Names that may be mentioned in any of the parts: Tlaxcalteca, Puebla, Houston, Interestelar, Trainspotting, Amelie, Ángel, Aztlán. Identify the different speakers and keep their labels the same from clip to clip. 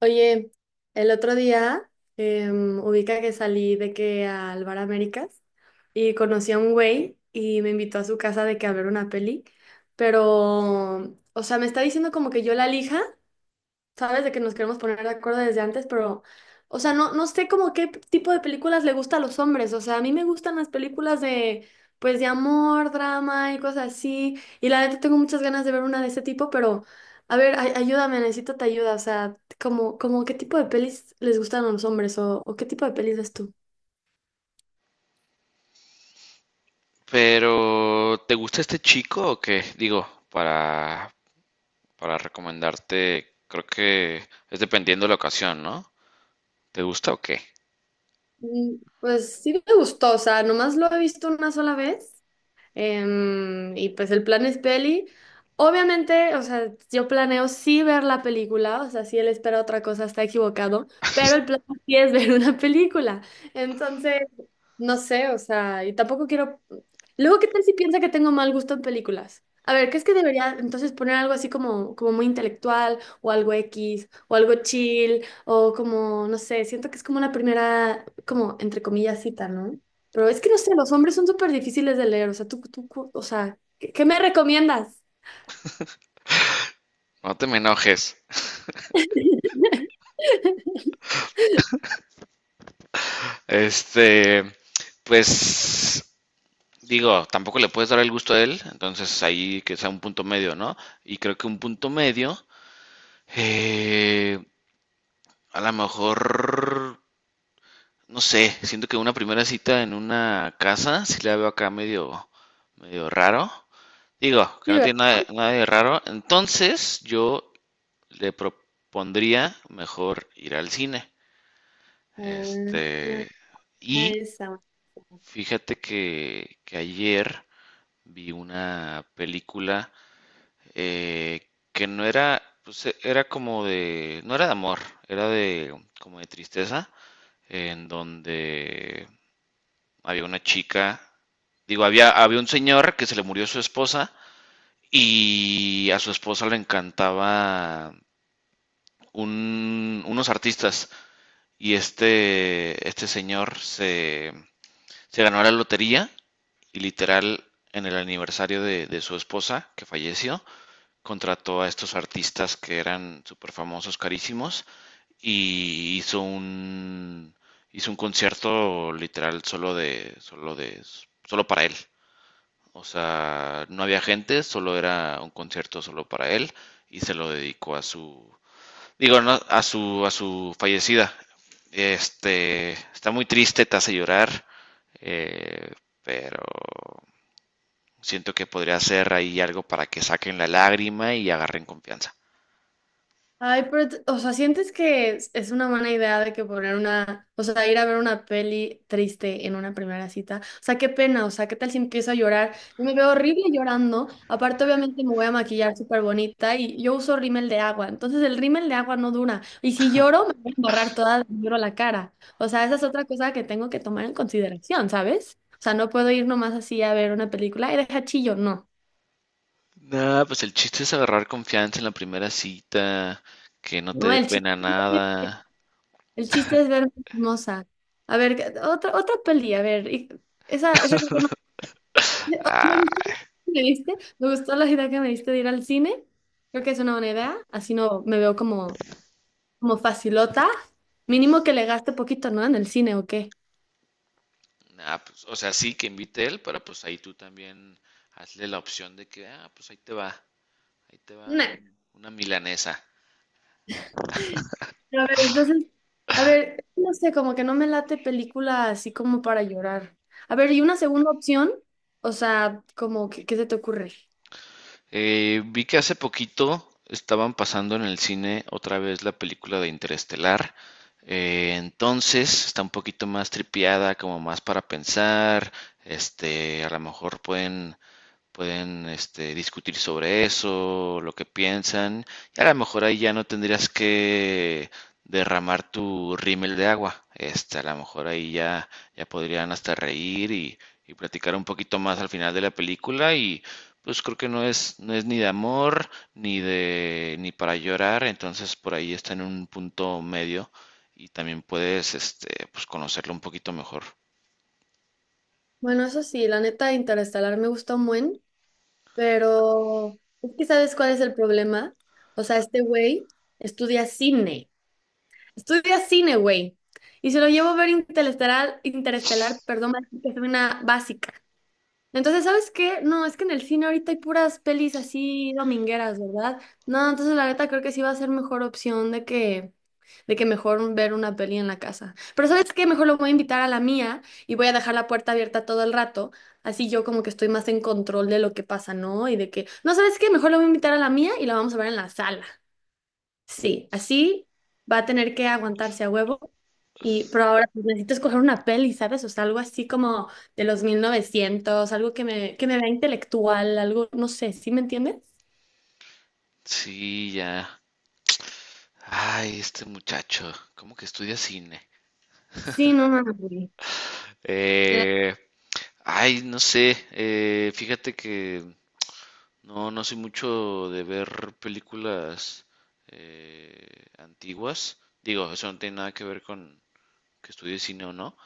Speaker 1: Oye, el otro día ubica que salí de que al Bar Américas y conocí a un güey y me invitó a su casa de que a ver una peli, pero, o sea, me está diciendo como que yo la elija, ¿sabes? De que nos queremos poner de acuerdo desde antes, pero, o sea, no sé como qué tipo de películas le gusta a los hombres. O sea, a mí me gustan las películas de, pues, de amor, drama y cosas así. Y la neta tengo muchas ganas de ver una de ese tipo, pero, a ver, ayúdame, necesito tu ayuda. O sea, como qué tipo de pelis les gustan a los hombres o qué tipo de pelis ves tú.
Speaker 2: Pero, ¿te gusta este chico o qué? Digo, para recomendarte, creo que es dependiendo de la ocasión, ¿no? ¿Te gusta o qué?
Speaker 1: Mm, pues sí me gustó, o sea, nomás lo he visto una sola vez. Y pues el plan es peli. Obviamente, o sea, yo planeo sí ver la película, o sea, si él espera otra cosa está equivocado, pero el plan sí es ver una película. Entonces, no sé, o sea, y tampoco quiero… Luego, ¿qué tal si piensa que tengo mal gusto en películas? A ver, ¿qué es que debería entonces poner algo así como, como muy intelectual o algo X o algo chill o como, no sé, siento que es como una primera, como entre comillas, cita, ¿no? Pero es que no sé, los hombres son súper difíciles de leer. O sea, tú, o sea, ¿ qué me recomiendas?
Speaker 2: No te me enojes. Este, pues, digo, tampoco le puedes dar el gusto a él, entonces ahí que sea un punto medio, ¿no? Y creo que un punto medio, eh, a lo mejor, no sé, siento que una primera cita en una casa, si la veo acá medio, medio raro. Digo, que
Speaker 1: Sí,
Speaker 2: no
Speaker 1: ¿verdad?
Speaker 2: tiene nada, nada de raro. Entonces, yo le propondría mejor ir al cine.
Speaker 1: Ah,
Speaker 2: Este,
Speaker 1: ah,
Speaker 2: y
Speaker 1: esa.
Speaker 2: fíjate que ayer vi una película que no era, pues era como de, no era de amor, era de, como de tristeza, en donde había una chica, digo, había, había un señor que se le murió su esposa y a su esposa le encantaba unos artistas y este señor se, se ganó la lotería y literal en el aniversario de su esposa que falleció, contrató a estos artistas que eran súper famosos, carísimos y hizo un concierto literal solo de, solo de, solo para él. O sea, no había gente, solo era un concierto solo para él y se lo dedicó a su, digo, no, a su fallecida. Este, está muy triste, te hace llorar, eh, pero siento que podría hacer ahí algo para que saquen la lágrima y agarren confianza.
Speaker 1: Ay, pero, o sea, ¿sientes que es una buena idea de que poner una, o sea, ir a ver una peli triste en una primera cita? O sea, qué pena, o sea, ¿qué tal si empiezo a llorar? Yo me veo horrible llorando. Aparte, obviamente, me voy a maquillar súper bonita y yo uso rímel de agua. Entonces, el rímel de agua no dura. Y si lloro, me voy a embarrar toda, de negro la cara. O sea, esa es otra cosa que tengo que tomar en consideración, ¿sabes? O sea, no puedo ir nomás así a ver una película y deja chillo, no.
Speaker 2: Nada, pues el chiste es agarrar confianza en la primera cita, que no te
Speaker 1: No,
Speaker 2: dé
Speaker 1: el chillo.
Speaker 2: pena nada.
Speaker 1: El chiste es verme hermosa. A ver, otra peli, a ver. Esa, esa creo que no. Oh, me
Speaker 2: Ah,
Speaker 1: gustó, ¿me diste? Me gustó la idea que me diste de ir al cine. Creo que es una buena idea. Así no me veo como, como facilota. Mínimo que le gaste poquito, ¿no? En el cine o qué.
Speaker 2: ah, pues, o sea, sí que invite él, pero pues ahí tú también hazle la opción de que, ah, pues ahí te va
Speaker 1: Nah.
Speaker 2: una milanesa.
Speaker 1: Pero a ver, entonces, a ver, no sé, como que no me late película así como para llorar. A ver, ¿y una segunda opción? O sea, como, ¿qué se te ocurre?
Speaker 2: Vi que hace poquito estaban pasando en el cine otra vez la película de Interestelar. Entonces está un poquito más tripiada, como más para pensar. Este, a lo mejor pueden este, discutir sobre eso, lo que piensan, y a lo mejor ahí ya no tendrías que derramar tu rímel de agua. Este, a lo mejor ahí ya, ya podrían hasta reír y platicar un poquito más al final de la película y pues creo que no es, no es ni de amor ni de ni para llorar, entonces por ahí está en un punto medio y también puedes este pues conocerlo un poquito mejor.
Speaker 1: Bueno, eso sí, la neta, Interestelar me gusta un buen. Pero es que ¿sabes cuál es el problema? O sea, este güey estudia cine. Estudia cine, güey. Y se lo llevo a ver Interestelar, perdón, que es una básica. Entonces, ¿sabes qué? No, es que en el cine ahorita hay puras pelis así domingueras, ¿verdad? No, entonces la neta creo que sí va a ser mejor opción de que mejor ver una peli en la casa. Pero ¿sabes qué? Mejor lo voy a invitar a la mía y voy a dejar la puerta abierta todo el rato. Así yo como que estoy más en control de lo que pasa, ¿no? Y de que, no, ¿sabes qué? Mejor lo voy a invitar a la mía y la vamos a ver en la sala. Sí, así va a tener que aguantarse a huevo. Y, pero ahora pues, necesito escoger una peli, ¿sabes? O sea, algo así como de los 1900, algo que me vea intelectual, algo, no sé, ¿sí me entiendes?
Speaker 2: Sí, ya. Ay, este muchacho, ¿cómo que estudia cine?
Speaker 1: Sí, no mames, güey. De…
Speaker 2: Eh, ay, no sé, fíjate que no, no soy mucho de ver películas antiguas. Digo, eso no tiene nada que ver con que estudie cine o no.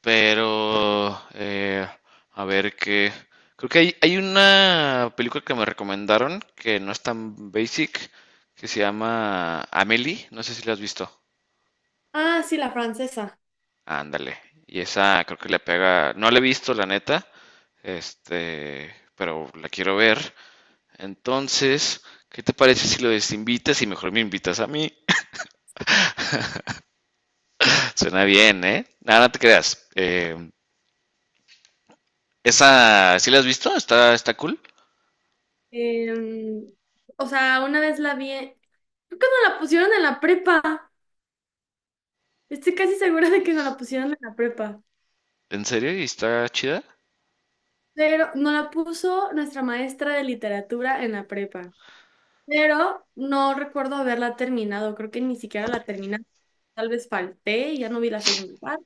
Speaker 2: Pero, a ver qué. Creo que hay una película que me recomendaron que no es tan basic, que se llama Amelie. No sé si la has visto.
Speaker 1: Ah, sí, la francesa.
Speaker 2: Ándale. Y esa creo que le pega. No la he visto, la neta. Este, pero la quiero ver. Entonces, ¿qué te parece si lo desinvitas y mejor me invitas a mí? Suena bien, ¿eh? Nada, no te creas. Esa, ¿sí la has visto? Está, está cool.
Speaker 1: Em, o sea, una vez la vi, creo que nos la pusieron en la prepa. Estoy casi segura de que nos la pusieron en la prepa.
Speaker 2: ¿En serio? ¿Y está chida?
Speaker 1: Pero nos la puso nuestra maestra de literatura en la prepa. Pero no recuerdo haberla terminado, creo que ni siquiera la terminé. Tal vez falté y ya no vi la segunda parte,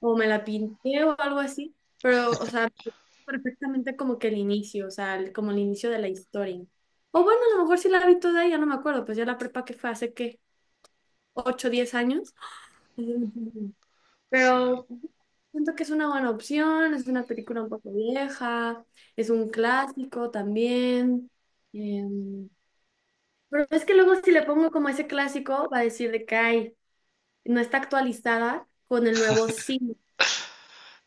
Speaker 1: o me la pinté o algo así, pero, o sea, perfectamente como que el inicio, o sea, como el inicio de la historia. O bueno, a lo mejor sí la vi toda, y ya no me acuerdo, pues ya la prepa que fue hace qué, 8, 10 años.
Speaker 2: Sí.
Speaker 1: Pero siento que es una buena opción, es una película un poco vieja, es un clásico también. em, pero es que luego si le pongo como ese clásico, va a decir de que "Ay, no está actualizada con el nuevo cine".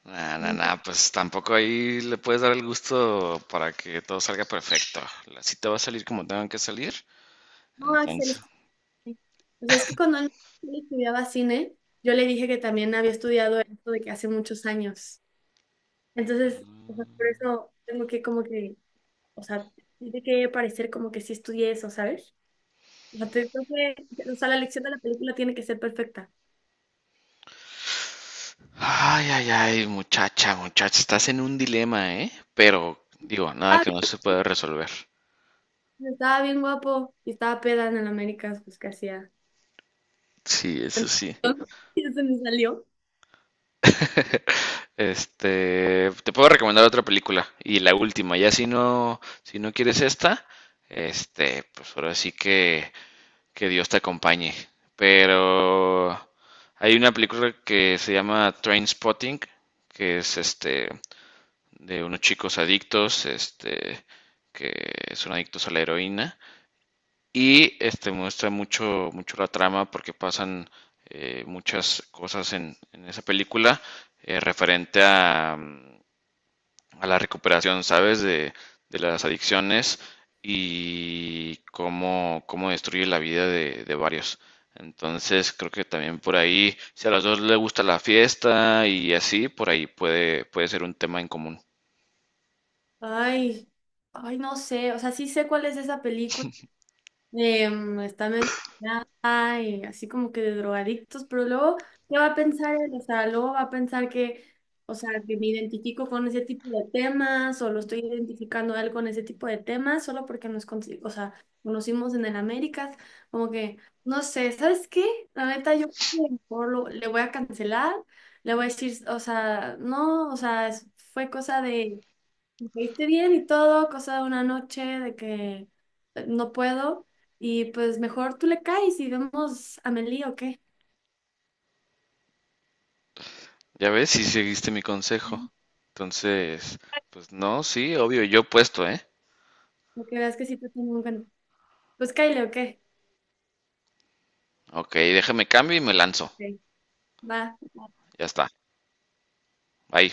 Speaker 2: Nah, nah,
Speaker 1: No,
Speaker 2: nah, pues tampoco ahí le puedes dar el gusto para que todo salga perfecto. La cita va a salir como tengan que salir.
Speaker 1: Axel, es
Speaker 2: Entonces,
Speaker 1: que… O sea, es que cuando él estudiaba cine, yo le dije que también había estudiado esto de que hace muchos años. Entonces, o sea, por eso tengo que como que, o sea, tiene que parecer como que sí estudié eso, ¿sabes? O sea, creo que, o sea, la elección de la película tiene que ser perfecta.
Speaker 2: ay, ay, ay, muchacha, muchacha, estás en un dilema, ¿eh? Pero, digo, nada
Speaker 1: Ah,
Speaker 2: que no se puede resolver.
Speaker 1: bien, estaba bien guapo y estaba peda en el Américas, pues que hacía.
Speaker 2: Sí, eso sí.
Speaker 1: Y se me salió.
Speaker 2: Este, te puedo recomendar otra película y la última. Ya si no, si no quieres esta, este, pues ahora sí que Dios te acompañe. Pero hay una película que se llama Trainspotting, que es este de unos chicos adictos, este, que son adictos a la heroína. Y este muestra mucho, mucho la trama porque pasan muchas cosas en esa película referente a, a la recuperación, ¿sabes? De las adicciones y cómo, cómo destruye la vida de varios. Entonces creo que también por ahí, si a los dos les gusta la fiesta y así, por ahí puede, puede ser un tema en común.
Speaker 1: Ay, ay, no sé, o sea, sí sé cuál es esa película. Está medio dañada y así como que de drogadictos, pero luego, ¿qué va a pensar él? O sea, luego va a pensar que, o sea, que me identifico con ese tipo de temas o lo estoy identificando a él con ese tipo de temas solo porque nos, o sea, conocimos en el Américas, como que, no sé, ¿sabes qué? La neta, yo creo que mejor le voy a cancelar, le voy a decir, o sea, no, o sea, fue cosa de me caíste bien y todo, cosa de una noche de que no puedo. Y pues mejor tú le caes y vemos a Meli o qué.
Speaker 2: Ya ves, si seguiste mi consejo. Entonces, pues no, sí, obvio, yo puesto, ¿eh?
Speaker 1: Porque veas que sí te tengo un cuento. Pues cáile o qué.
Speaker 2: Ok, déjame cambio y me lanzo.
Speaker 1: Ok, va.
Speaker 2: Ya está. Bye.